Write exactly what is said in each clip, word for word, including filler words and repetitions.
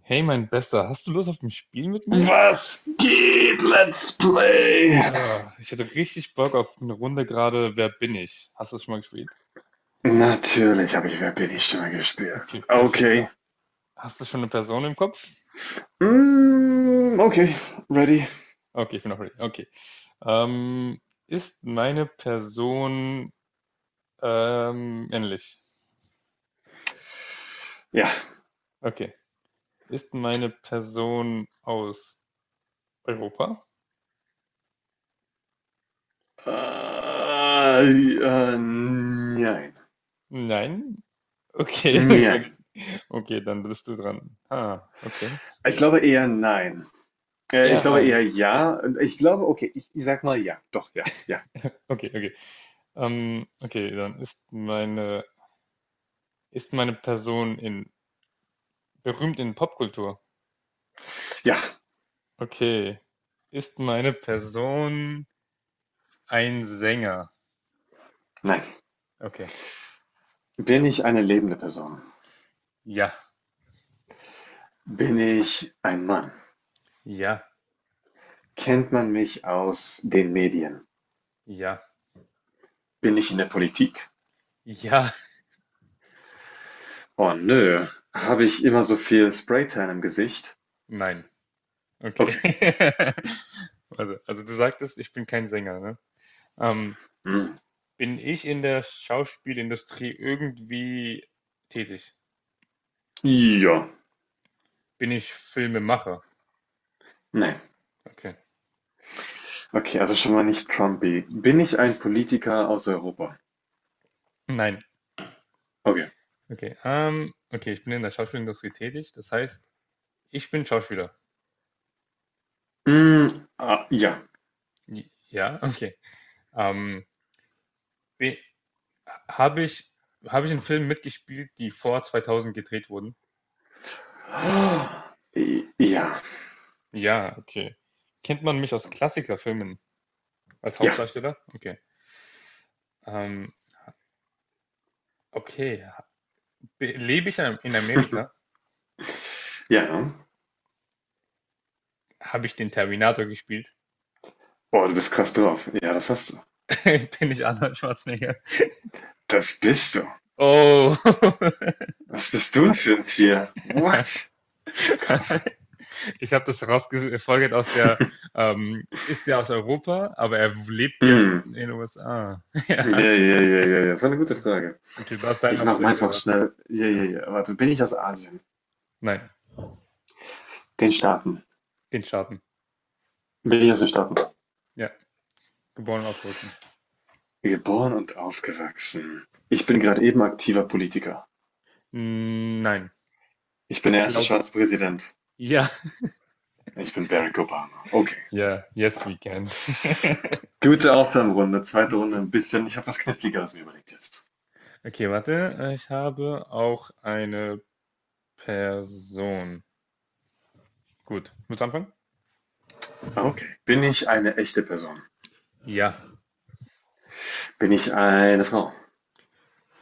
Hey, mein Bester, hast du Lust auf ein Spiel mit mir? Was geht, Let's Play? Äh, ich hätte richtig Bock auf eine Runde gerade Wer bin ich? Hast du das schon mal gespielt? Natürlich habe ich Wer bin Okay, ich Stimme gespielt. okay, perfekt. Okay. Hast du schon eine Person im Kopf? Mm, okay, ready. Okay, ich bin auch ready. Okay. Ähm, Ist meine Person ähm, männlich? Ja. Okay. Ist meine Person aus Europa? Äh, äh, nein. Nein. Okay. Wie soll ich- Nein. Okay, dann bist du dran. Ah, okay. Ich glaube eher nein. Äh, ich Ja, glaube nein. eher ja. Ich glaube, okay, ich, ich sag mal ja. Doch, ja, ja. Okay, okay. Ähm, okay, dann ist meine Ist meine Person in berühmt in Popkultur? Ja, Okay. Ist meine Person ein Sänger? nein. Okay. Bin ich eine lebende Person? Ja, Bin ich ein Mann? ja, Kennt man mich aus den Medien? ja, Bin ich in der Politik? ja, Oh nö, habe ich immer so viel Spraytan im Gesicht? nein. Okay. Okay, Also, also du sagtest, ich bin kein Sänger, ne? Ähm, hm, Bin ich in der Schauspielindustrie irgendwie tätig? ja, Bin ich Filmemacher? ne. Okay. Okay, also schon mal nicht Trumpy. Bin ich ein Politiker aus Europa? Nein. Okay. Okay. Ähm, okay, ich bin in der Schauspielindustrie tätig. Das heißt, ich bin Schauspieler. Hm, ah, ja. Ja, okay. Ähm, be- habe ich, habe ich in Filmen mitgespielt, die vor zweitausend gedreht wurden? I- Ja, Ja, okay. Kennt man mich aus Klassikerfilmen als ja, Hauptdarsteller? Okay. Ähm, okay. Be- Lebe ich in in Amerika? ja, ne? Habe ich den Terminator gespielt? Oh, du bist krass drauf. Ja, das hast du. Bin ich Arnold Schwarzenegger? Das bist du. Oh. Was bist du für ein Tier? What? Krass. Ich habe das rausgefolgert aus der, ähm, ist der aus Europa, aber er lebt ja in Hm. in den U S A. Ja, Ja. ja, ja, ja, ja. Das war eine gute Frage. Okay, du darfst deinen Ich noch mache zu meins Ende auch raten. schnell. Ja, Ja. ja, ja. Warte, bin ich aus Asien? Nein, Den Staaten. den Staaten. Bin ich aus den Staaten? Ja, geboren und aufgewachsen. Geboren und aufgewachsen. Ich bin gerade eben aktiver Politiker. Mm, nein, Ich bin der erste glaub, schwarze Präsident. ja, Ich bin Barack Obama. Okay. ja, yes, we can. Gute Aufwärmrunde. Zweite Runde So. ein bisschen. Ich habe was Kniffligeres mir überlegt jetzt. Okay, warte, äh, ich habe auch eine Person. Gut, muss anfangen? Okay. Bin ich eine echte Person? Ja, Bin ich eine Frau?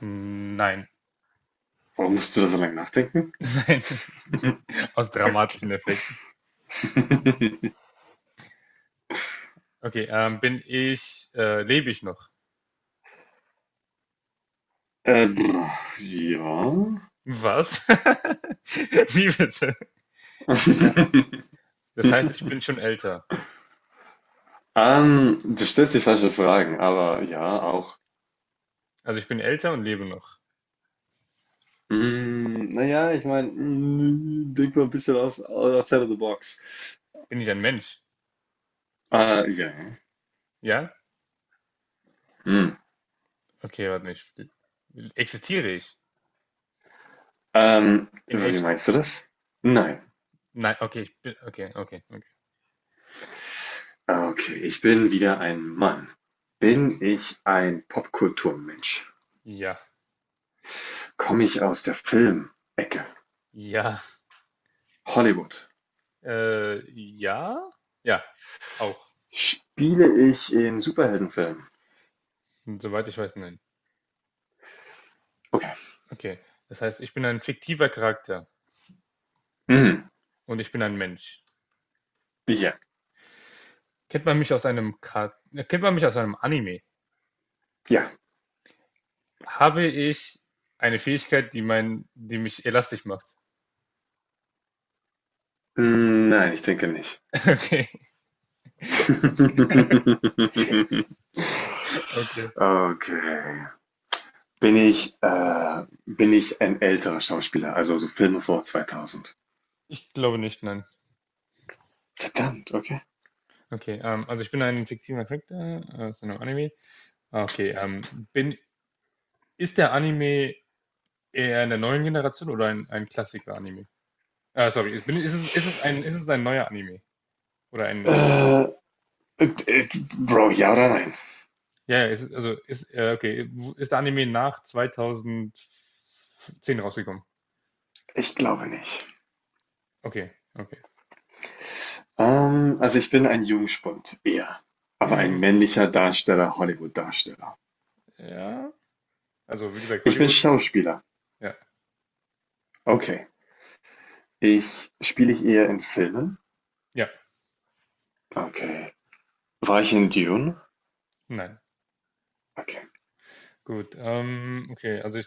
mm, nein, Warum musst du da so lange nachdenken? nein, aus Okay. dramatischen Effekten. Okay, ähm, bin ich, äh, lebe ich noch? Äh, ja. Was? Wie bitte? Ja, das heißt, ich bin schon älter. Ähm, du stellst die falschen Fragen, aber ja, auch. Also ich bin älter und lebe noch. Hm, na ja, ich meine, hm, denk mal ein bisschen aus, outside of the box. Bin ich ein Mensch? Äh, ja. Ja? Hm. Okay, warte nicht. Existiere ich? Ähm, In wie echt? meinst du das? Nein. Nein, okay, ich bin. Okay, okay, okay. Ah, okay, ich bin wieder ein Mann. Ja. Bin ich ein Popkulturmensch? Ja. Komme ich aus der Filmecke? Ja. Hollywood? Äh, ja? Ja. Auch. Spiele ich in Superheldenfilmen? Hm, soweit ich weiß, nein. Okay. Okay. Das heißt, ich bin ein fiktiver Charakter Hm. und ich bin ein Mensch. Ja. Kennt man mich aus einem Ka Kennt man mich aus einem Anime? Ja. Habe ich eine Fähigkeit, die mein, die mich elastisch macht? Hm, nein, ich denke nicht. Okay. Okay. Okay. Okay. Bin ich, äh, bin ich ein älterer Schauspieler, also so Filme vor zweitausend? Ich glaube nicht, nein. Verdammt, okay. Okay, ähm, also ich bin ein fiktiver Charakter aus einem Anime. Ah, okay, ähm, bin, ist der Anime eher in der neuen Generation oder ein, ein Klassiker-Anime? Ah, sorry, ist, bin, ist es, ist es ein, ist es ein neuer Anime? Oder ein, Äh, äh, Bro, ja oder nein? ja, ja, ist es, also, ist, äh, okay, wo- ist der Anime nach zweitausendzehn rausgekommen? Ich glaube nicht. Okay, okay. Ähm, also ich bin ein Jungspund, eher. Aber ein Hm, männlicher Darsteller, Hollywood-Darsteller. ja, also, wie gesagt, Ich bin Hollywood, Schauspieler. ja, Okay. Ich spiele ich eher in Filmen? ja, Okay. War ich in Dune? nein. Okay. Gut, ähm, okay, also, ich,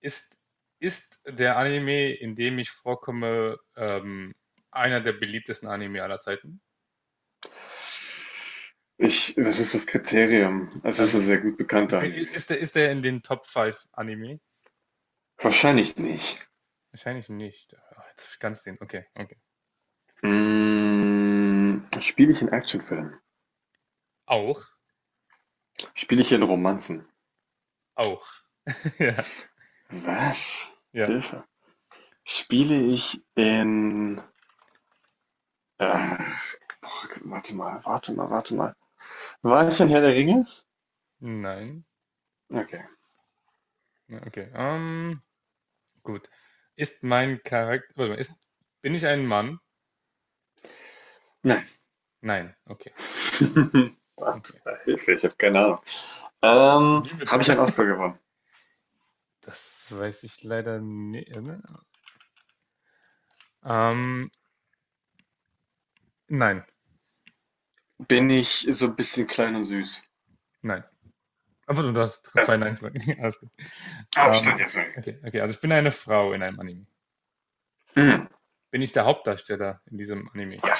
ist, ist der Anime, in dem ich vorkomme, ähm, einer der beliebtesten Anime aller Zeiten? Ich, was ist das Kriterium? Es ist Also ein sehr das, gut bekannter Anime. ist der, ist der in den Top fünf Anime? Wahrscheinlich nicht. Wahrscheinlich nicht. Ah, jetzt hab ich ganz den. Okay, okay. Hm, spiele ich in Actionfilmen? Auch? Spiele ich in Romanzen? Auch. Ja, Was? ja. Hilfe. Spiele ich in, äh, boah, warte mal, warte mal, warte mal. War ich in Herr der Ringe? Nein. Okay. Ja, okay. Ähm, gut. Ist mein Charakter. Warte mal, ist, bin ich ein Mann? Nein. Nein. Okay. Warte Okay. mal, Hilfe, ich habe keine Ahnung. Ähm, Wie habe bitte? ich einen Oscar gewonnen? Das weiß ich leider nicht. Ne? Ähm, nein, Bin ich so ein bisschen klein und süß? nein. Aber du hast zwei Also, Nein-Fragen. Alles gut. ah, Ähm, jetzt. okay, okay. Also ich bin eine Frau in einem Anime. Hm. Bin ich der Hauptdarsteller in diesem Anime? Ja.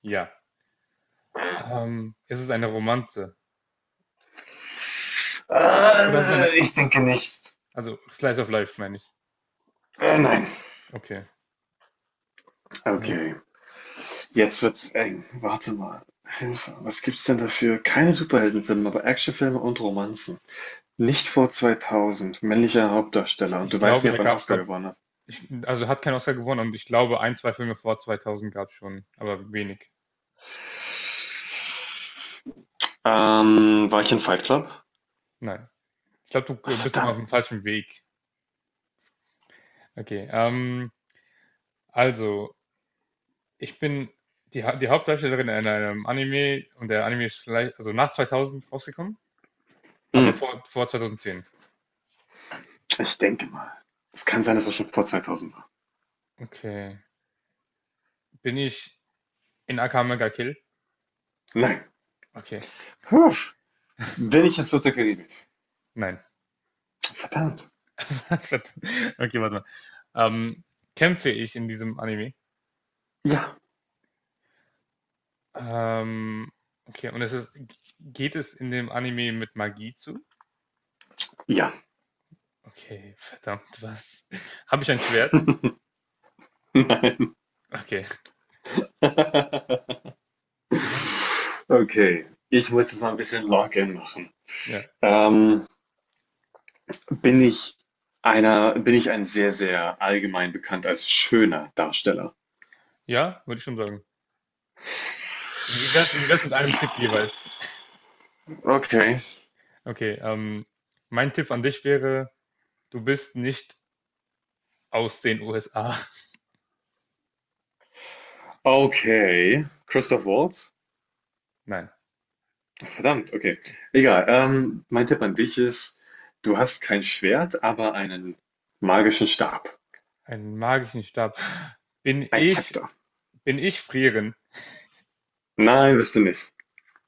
Ja. Ähm, ist es eine Romanze? Oder ist es eine. Äh, ich Ist, denke nicht. also, Slice of Life meine ich. Äh, nein. Okay. Hä? Okay. Jetzt wird's eng. Warte mal. Hilfe. Was gibt's denn dafür? Keine Superheldenfilme, aber Actionfilme und Romanzen? Nicht vor zweitausend. Männlicher Ich, Hauptdarsteller. Und ich du weißt glaube, nicht, da ob er einen gab es Oscar da. gewonnen hat. Ich, also, hat kein Oscar gewonnen und ich glaube, ein, zwei Filme vor zweitausend gab es schon, aber wenig. Ähm, war ich in Fight Club? Nein. Ich glaube, du äh, bist noch auf dem Verdammt. falschen Weg. Okay. Ähm, also, ich bin die, Ha- die Hauptdarstellerin in einem Anime und der Anime ist vielleicht, also nach zweitausend rausgekommen, Hm, aber vor, vor zweitausendzehn. ich denke mal. Es kann sein, dass er schon vor zweitausend war. Okay. Bin ich in Akame ga Kill? Nein. Okay. Puh. Bin ich in Fluss der Karibik? Nein. Verdammt. Verdammt. Okay, warte mal. Ähm, Kämpfe ich in diesem Anime? Ja. Ähm, okay, und es ist, geht es in dem Anime mit Magie zu? Ja. Okay, verdammt, was? Habe ich ein Schwert? Nein. Okay, was? Okay. Ich muss jetzt mal ein bisschen Login machen. Ja, Ähm, Bin ich einer bin ich ein sehr, sehr allgemein bekannt als schöner Darsteller? ja, würde ich schon sagen. Wie wie wär's, wie wär's mit einem Tipp jeweils? Okay. Okay, ähm, mein Tipp an dich wäre, du bist nicht aus den U S A. Okay. Christoph Waltz? Nein, Verdammt, okay. Egal. Ähm, mein Tipp an dich ist, du hast kein Schwert, aber einen magischen Stab. einen magischen Stab. Bin Ein ich, Zepter. bin ich frieren? Nein, bist du nicht.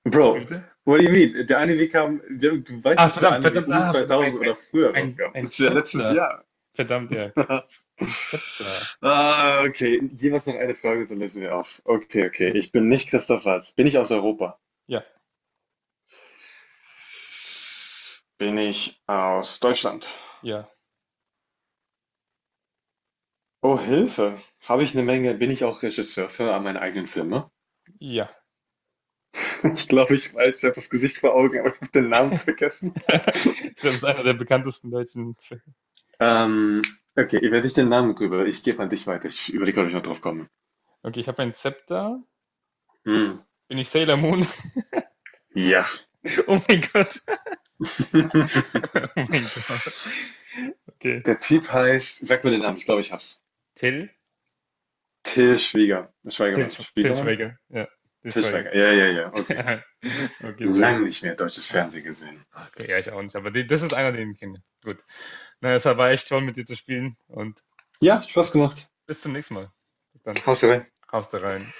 Bro, Bitte? what do you mean? Der Anime kam, wir- du weißt, Ah, dass der verdammt, Anime verdammt, um ah, verdammt, ein, zweitausend oder ein, früher ein, rauskam. ein Das ist ja letztes Zepter. Jahr. Verdammt, ja, okay. Ein Zepter. Ah, okay. Jeweils noch eine Frage, dann lösen wir auf. Okay, okay. Okay. Ich bin nicht Christoph Waltz. Bin ich aus Europa? Ja, Bin ich aus Deutschland? ja, Oh, Hilfe. Habe ich eine Menge. Bin ich auch Regisseur für meine eigenen Filme? ja. Ich glaube, ich weiß, ich habe das Gesicht vor Augen, aber ich habe den Namen vergessen. Ich glaube, es ist einer der bekanntesten deutschen Filme. Ähm, okay, ich werde ich den Namen rüber. Ich gebe an dich weiter. Ich überlege, ob ich noch drauf komme. Okay, ich habe ein Zepter. Hm. Bin ich Sailor Moon? Ja. Oh mein Gott. Oh mein Gott. Okay. Der Typ heißt, sag mir den Namen, ich glaube, ich hab's. Till? Till Schwieger. Till, Schweigermann. Sch- Till Schwiegermann? Schweiger. Ja, Till Schweiger. Tischweiger, ja, ja, ja, okay. Okay, sehr gut. Lang nicht mehr deutsches Ah, Fernsehen gesehen. okay, ja, ich auch nicht. Aber die, das ist einer, den ich kenne. Gut. Na, es war echt toll, mit dir zu spielen. Und Ja, Spaß Bis, gemacht. bis zum nächsten Mal. Bis dann. Haust du rein. Haust da rein.